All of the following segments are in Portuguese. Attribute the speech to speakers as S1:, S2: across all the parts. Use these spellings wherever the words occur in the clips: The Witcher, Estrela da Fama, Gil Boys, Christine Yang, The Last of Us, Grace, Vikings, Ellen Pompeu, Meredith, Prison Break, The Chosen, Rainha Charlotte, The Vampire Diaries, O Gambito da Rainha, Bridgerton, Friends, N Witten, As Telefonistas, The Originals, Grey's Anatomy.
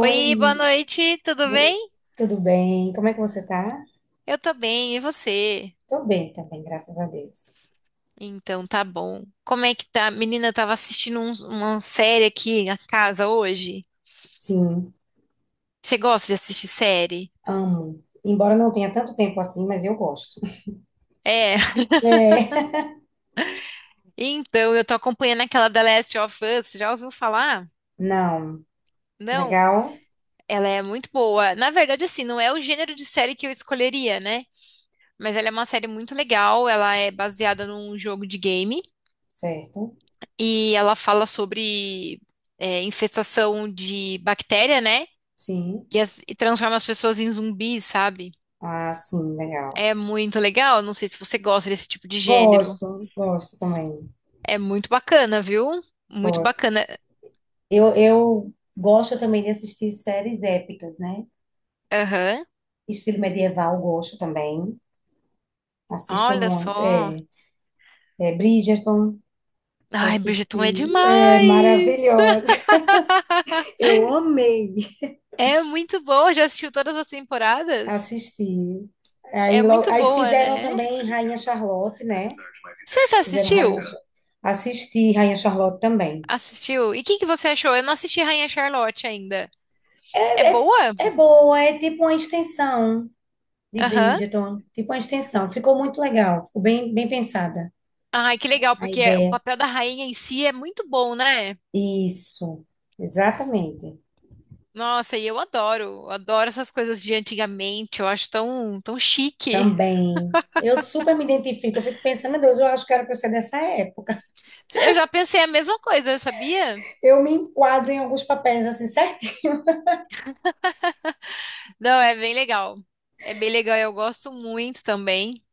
S1: Oi, boa noite, tudo
S2: Bo-
S1: bem?
S2: tudo bem? Como é que você tá?
S1: Eu tô bem, e você?
S2: Tô bem também, graças a Deus.
S1: Então tá bom. Como é que tá? Menina, eu tava assistindo uma série aqui na casa hoje.
S2: Sim,
S1: Você gosta de assistir série?
S2: amo. Embora não tenha tanto tempo assim, mas eu gosto.
S1: É,
S2: É.
S1: então eu tô acompanhando aquela The Last of Us, já ouviu falar?
S2: Não.
S1: Não,
S2: Legal?
S1: ela é muito boa. Na verdade, assim, não é o gênero de série que eu escolheria, né? Mas ela é uma série muito legal, ela é baseada num jogo de game
S2: Certo?
S1: e ela fala sobre infestação de bactéria, né?
S2: Sim.
S1: E transforma as pessoas em zumbis, sabe?
S2: Ah, sim, legal.
S1: É muito legal. Não sei se você gosta desse tipo de gênero.
S2: Gosto, gosto também.
S1: É muito bacana, viu? Muito
S2: Gosto.
S1: bacana.
S2: Eu gosto também de assistir séries épicas, né?
S1: Aham.
S2: Estilo medieval, gosto também. Assisto
S1: Olha
S2: muito.
S1: só.
S2: É Bridgerton,
S1: Ai,
S2: assisti.
S1: Bridgerton é
S2: É
S1: demais!
S2: maravilhosa. Eu amei
S1: É muito boa. Já assistiu todas as temporadas?
S2: assistir.
S1: É
S2: Aí, lo-
S1: muito
S2: aí
S1: boa,
S2: fizeram
S1: né?
S2: também Rainha Charlotte, né?
S1: Você já
S2: Fizeram Rainha,
S1: assistiu?
S2: Cha- assisti Rainha Charlotte também.
S1: Assistiu? E o que que você achou? Eu não assisti Rainha Charlotte ainda. É
S2: É, é,
S1: boa?
S2: é boa, é tipo uma extensão de
S1: Aham.
S2: Bridgerton, tipo uma extensão. Ficou muito legal, ficou bem, bem pensada
S1: Ai, que legal,
S2: a
S1: porque o
S2: ideia.
S1: papel da rainha em si é muito bom, né?
S2: Isso, exatamente.
S1: Nossa, e eu adoro, adoro essas coisas de antigamente, eu acho tão, tão chique.
S2: Também. Eu super me identifico, eu fico pensando, meu Deus, eu acho que era pra eu ser dessa época.
S1: Eu já pensei a mesma coisa, sabia?
S2: Eu me enquadro em alguns papéis assim.
S1: Não, é bem legal. É bem legal, eu gosto muito também.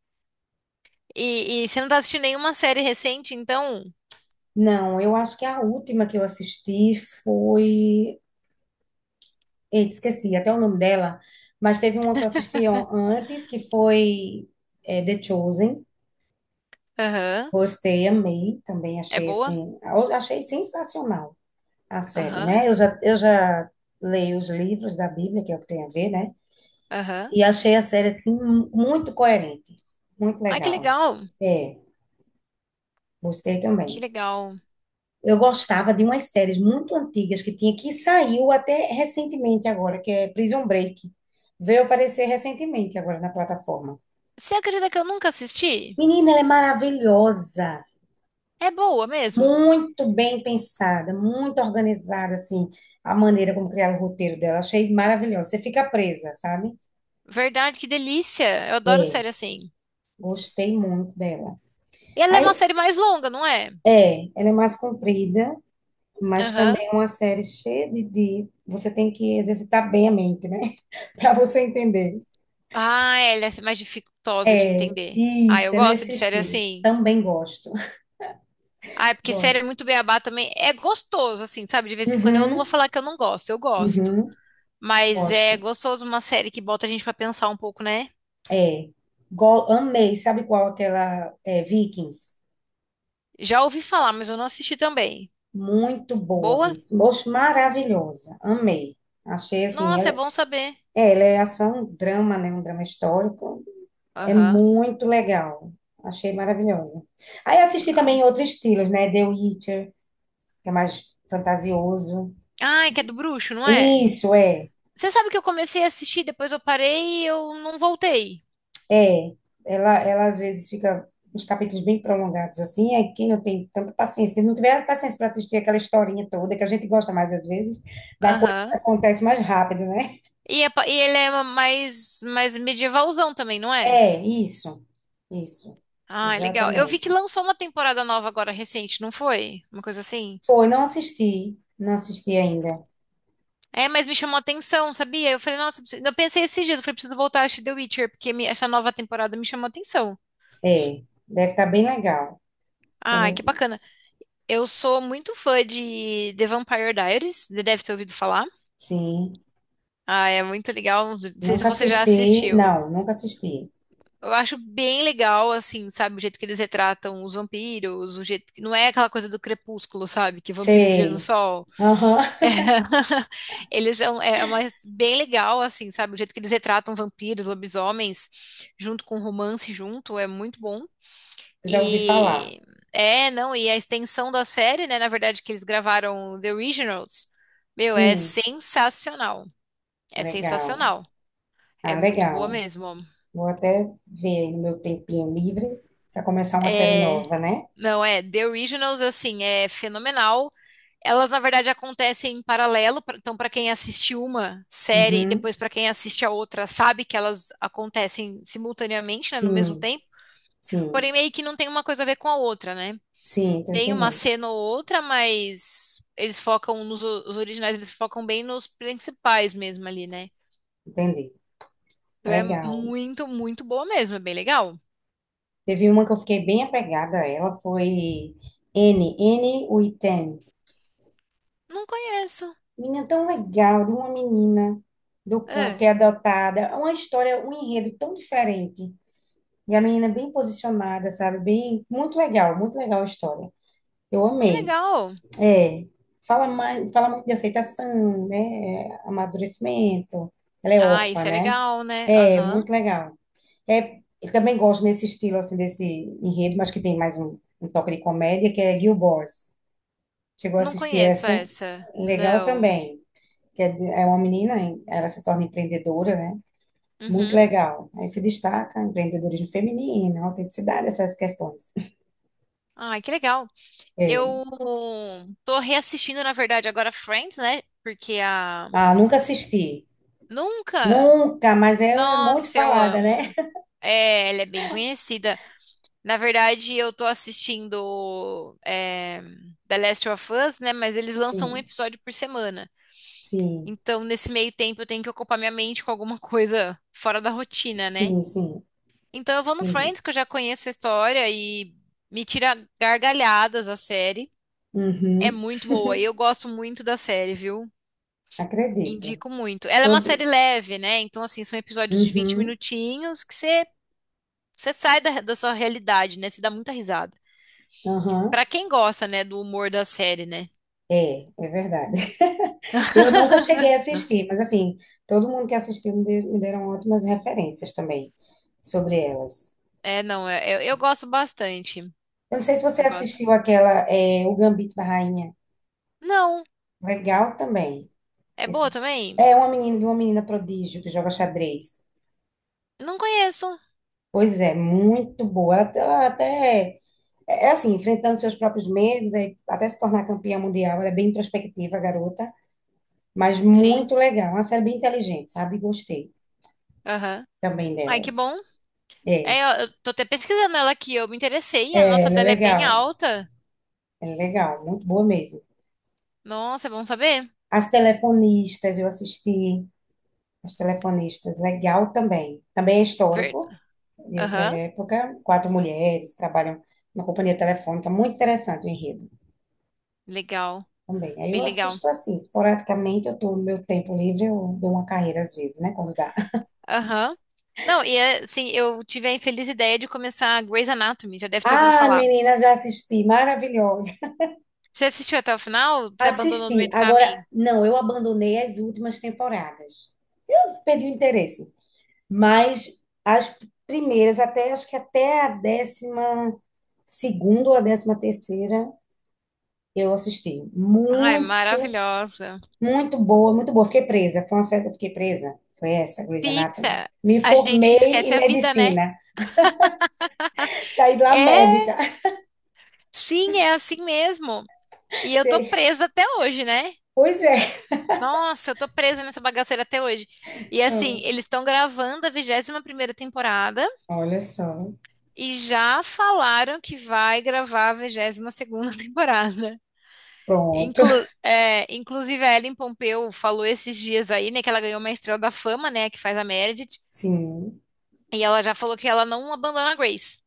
S1: E você não tá assistindo nenhuma série recente, então?
S2: Não, eu acho que a última que eu assisti foi. Eita, esqueci até o nome dela, mas teve uma que eu assisti antes, que foi The Chosen.
S1: Aham.
S2: Gostei, amei também,
S1: É
S2: achei
S1: boa?
S2: assim. Eu Achei sensacional a série,
S1: Aham,
S2: né? Eu já leio os livros da Bíblia, que é o que tem a ver, né?
S1: aham.
S2: E achei a série, assim, muito coerente, muito
S1: Ai, que
S2: legal.
S1: legal,
S2: É, gostei
S1: que
S2: também.
S1: legal.
S2: Eu gostava de umas séries muito antigas que tinha, que saiu até recentemente agora, que é Prison Break. Veio aparecer recentemente agora na plataforma.
S1: Você acredita que eu nunca assisti?
S2: Menina, ela é maravilhosa,
S1: É boa mesmo.
S2: muito bem pensada, muito organizada, assim, a maneira como criaram o roteiro dela. Achei maravilhosa. Você fica presa, sabe?
S1: Verdade, que delícia. Eu adoro
S2: É,
S1: série assim.
S2: gostei muito dela.
S1: E ela é uma
S2: Aí,
S1: série mais longa, não é?
S2: é, ela é mais comprida, mas
S1: Aham.
S2: também é uma série cheia de... Você tem que exercitar bem a mente, né? Para você entender.
S1: Ah, ela é mais dificultosa de
S2: É,
S1: entender. Ah, eu
S2: isso, é
S1: gosto
S2: nesse
S1: de série
S2: estilo.
S1: assim.
S2: Também gosto.
S1: Ah, é porque série é
S2: Gosto.
S1: muito beabá também. É gostoso, assim, sabe? De vez em quando eu não vou
S2: Uhum,
S1: falar que eu não gosto, eu gosto.
S2: uhum,
S1: Mas é
S2: gosto.
S1: gostoso uma série que bota a gente pra pensar um pouco, né?
S2: É. Amei, sabe qual aquela é, Vikings?
S1: Já ouvi falar, mas eu não assisti também.
S2: Muito boa,
S1: Boa?
S2: Vikings. Moço, maravilhosa. Amei. Achei assim,
S1: Nossa, é bom saber.
S2: ela é ação, drama, né? Um drama histórico. É
S1: Aham.
S2: muito legal. Achei maravilhosa. Aí assisti
S1: Ah,
S2: também outros estilos, né? The Witcher, que é mais fantasioso.
S1: Ah, é que é do bruxo, não é?
S2: Isso, é.
S1: Você sabe que eu comecei a assistir, depois eu parei e eu não voltei.
S2: É, ela às vezes fica uns capítulos bem prolongados, assim, aí quem não tem tanta paciência, se não tiver paciência para assistir aquela historinha toda, que a gente gosta mais às vezes, da coisa
S1: Aham.
S2: que acontece mais rápido, né?
S1: E ele é mais medievalzão também, não é?
S2: É, isso,
S1: Ah, é legal. Eu vi que
S2: exatamente.
S1: lançou uma temporada nova agora recente, não foi? Uma coisa assim?
S2: Foi, não assisti, não assisti ainda.
S1: É, mas me chamou a atenção, sabia? Eu falei, nossa, eu pensei esses dias, eu falei, preciso voltar a assistir The Witcher, porque essa nova temporada me chamou a atenção.
S2: É, deve estar bem legal. Ela
S1: Ai,
S2: é-
S1: que bacana. Eu sou muito fã de The Vampire Diaries, você deve ter ouvido falar.
S2: sim,
S1: Ah, é muito legal, não sei se
S2: nunca
S1: você já
S2: assisti,
S1: assistiu.
S2: não, nunca assisti.
S1: Eu acho bem legal, assim, sabe, o jeito que eles retratam os vampiros, o jeito que não é aquela coisa do crepúsculo, sabe, que vampiro brilha no
S2: Sei,
S1: sol.
S2: aham,
S1: É. Eles são, é uma, bem legal, assim, sabe? O jeito que eles retratam vampiros, lobisomens, junto com romance, junto, é muito bom.
S2: já ouvi falar.
S1: E é, não, e a extensão da série, né? Na verdade, que eles gravaram The Originals, meu, é
S2: Sim,
S1: sensacional. É
S2: legal.
S1: sensacional. É
S2: Ah,
S1: muito boa
S2: legal.
S1: mesmo.
S2: Vou até ver aí no meu tempinho livre para começar uma série
S1: É,
S2: nova, né?
S1: não, é, The Originals, assim, é fenomenal. Elas, na verdade, acontecem em paralelo, então, para quem assiste uma série e
S2: Uhum.
S1: depois para quem assiste a outra, sabe que elas acontecem simultaneamente, né, no mesmo
S2: Sim,
S1: tempo, porém
S2: sim,
S1: meio que não tem uma coisa a ver com a outra, né?
S2: sim, tô
S1: Tem uma
S2: entendendo.
S1: cena ou outra, mas eles focam nos os originais, eles focam bem nos principais mesmo ali, né?
S2: Entendi.
S1: Então é
S2: Legal.
S1: muito, muito boa mesmo, é bem legal.
S2: Teve uma que eu fiquei bem apegada a ela, foi N, N Witten.
S1: Não conheço.
S2: Menina tão legal, de uma menina do campo
S1: É,
S2: que é adotada. É uma história, um enredo tão diferente. E a menina é bem posicionada, sabe? Bem, muito legal a história. Eu
S1: que
S2: amei.
S1: legal.
S2: É, fala mais, fala muito de aceitação, né? Amadurecimento. Ela é
S1: Ah,
S2: órfã,
S1: isso é
S2: né?
S1: legal, né?
S2: É,
S1: Aham.
S2: muito legal. É, eu também gosto nesse estilo, assim, desse enredo, mas que tem mais um toque de comédia, que é Gil Boys. Chegou a
S1: Não
S2: assistir
S1: conheço
S2: essa?
S1: essa.
S2: Legal
S1: Não.
S2: também. Que é, é uma menina, ela se torna empreendedora, né? Muito
S1: Uhum.
S2: legal. Aí se destaca empreendedorismo feminino, autenticidade, essas questões.
S1: Ai, que legal.
S2: É.
S1: Eu tô reassistindo, na verdade, agora Friends, né? Porque a.
S2: Ah, nunca assisti.
S1: Nunca!
S2: Nunca, mas ela é muito
S1: Nossa, eu
S2: falada, né?
S1: amo. É, ela é bem conhecida. Na verdade, eu tô assistindo The Last of Us, né? Mas eles lançam um
S2: Sim.
S1: episódio por semana.
S2: Sim,
S1: Então, nesse meio tempo, eu tenho que ocupar minha mente com alguma coisa fora da rotina, né?
S2: sim, sim,
S1: Então, eu vou no
S2: entendi.
S1: Friends, que eu já conheço a história e me tira gargalhadas a série. É
S2: Uhum,
S1: muito boa, e eu gosto muito da série, viu?
S2: acredito.
S1: Indico muito. Ela é uma série
S2: Todo.
S1: leve, né? Então, assim, são episódios de 20
S2: Uhum,
S1: minutinhos que você sai da sua realidade, né? Você dá muita risada.
S2: aham.
S1: Pra quem gosta, né, do humor da série, né?
S2: É, é verdade. Eu nunca cheguei a assistir, mas assim, todo mundo que assistiu me deram ótimas referências também sobre elas.
S1: É, não, eu gosto bastante.
S2: Eu não sei se você
S1: Eu gosto.
S2: assistiu aquela, O Gambito da Rainha.
S1: Não,
S2: Legal também.
S1: é
S2: Esse-
S1: boa também?
S2: É uma menina prodígio que joga xadrez.
S1: Não conheço.
S2: Pois é, muito boa. Ela até É assim, enfrentando seus próprios medos, até se tornar campeã mundial. Ela é bem introspectiva, a garota, mas muito
S1: Sim,
S2: legal. Uma série bem inteligente, sabe? Gostei
S1: aham.
S2: também
S1: Ai, que
S2: delas.
S1: bom.
S2: É,
S1: É, eu tô até pesquisando ela aqui, eu me interessei, a nota
S2: ela é
S1: dela é bem
S2: legal.
S1: alta.
S2: Ela é legal, muito boa mesmo.
S1: Nossa, é bom saber.
S2: As Telefonistas, eu assisti. As Telefonistas, legal também. Também é histórico,
S1: Ver-
S2: de outra
S1: Aham,
S2: época. Quatro mulheres trabalham na companhia telefônica. Muito interessante o enredo
S1: Legal,
S2: também. Aí eu
S1: bem legal.
S2: assisto assim, esporadicamente, eu tô no meu tempo livre, eu dou uma carreira às vezes, né? Quando dá.
S1: Aham. Não, e é, assim, eu tive a infeliz ideia de começar Grey's Anatomy, já deve ter ouvido
S2: Ah,
S1: falar.
S2: meninas, já assisti, maravilhosa.
S1: Você assistiu até o final? Você abandonou no meio
S2: Assisti.
S1: do
S2: Agora,
S1: caminho?
S2: não, eu abandonei as últimas temporadas. Eu perdi o interesse. Mas as primeiras, até acho que até a décima segunda ou a décima terceira, eu assisti.
S1: Ai,
S2: Muito,
S1: maravilhosa.
S2: muito boa, muito boa. Fiquei presa. Foi uma série que eu fiquei presa. Foi essa, Grey's Anatomy.
S1: Fica.
S2: Me
S1: A gente
S2: formei
S1: esquece
S2: em
S1: a vida, né?
S2: medicina. Saí de lá
S1: É,
S2: médica.
S1: sim, é assim mesmo. E eu tô
S2: Sei.
S1: presa até hoje, né?
S2: Pois é.
S1: Nossa, eu tô presa nessa bagaceira até hoje. E assim,
S2: Então,
S1: eles estão gravando a 21ª temporada
S2: olha só.
S1: e já falaram que vai gravar a 22ª temporada.
S2: Pronto.
S1: Inclusive, a Ellen Pompeu falou esses dias aí, né, que ela ganhou uma Estrela da Fama, né, que faz a Meredith,
S2: Sim,
S1: e ela já falou que ela não abandona a Grace.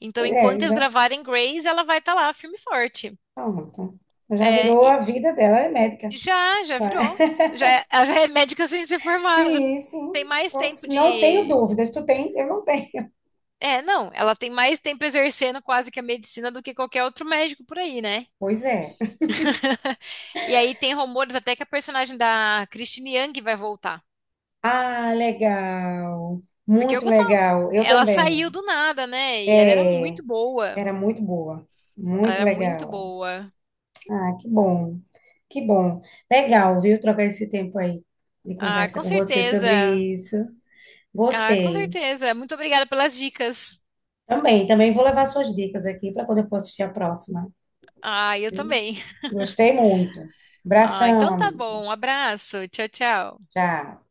S1: Então, enquanto eles
S2: já,
S1: gravarem Grace, ela vai estar lá, firme e forte.
S2: pronto. Já
S1: É,
S2: virou
S1: e
S2: a vida dela, é médica.
S1: já
S2: Vai.
S1: virou. Já, ela já é médica sem ser formada.
S2: Sim, sim.
S1: Tem mais tempo
S2: Não tenho
S1: de.
S2: dúvidas. Tu tem? Eu não tenho.
S1: É, não, ela tem mais tempo exercendo quase que a medicina do que qualquer outro médico por aí, né?
S2: Pois é.
S1: E aí tem rumores até que a personagem da Christine Yang vai voltar.
S2: Ah, legal.
S1: Porque eu
S2: Muito
S1: gostava.
S2: legal. Eu
S1: Ela saiu
S2: também.
S1: do nada, né? E ela era
S2: É,
S1: muito boa.
S2: era muito boa.
S1: Ela
S2: Muito
S1: era muito
S2: legal.
S1: boa.
S2: Ah, que bom. Que bom. Legal, viu? Trocar esse tempo aí de
S1: Ah,
S2: conversa
S1: com
S2: com você sobre
S1: certeza.
S2: isso.
S1: Ah, com
S2: Gostei.
S1: certeza. Muito obrigada pelas dicas.
S2: Também, também vou levar suas dicas aqui para quando eu for assistir a próxima.
S1: Ah, eu também.
S2: Gostei muito.
S1: Ah,
S2: Abração,
S1: então tá
S2: amiga.
S1: bom. Um abraço. Tchau, tchau.
S2: Tchau.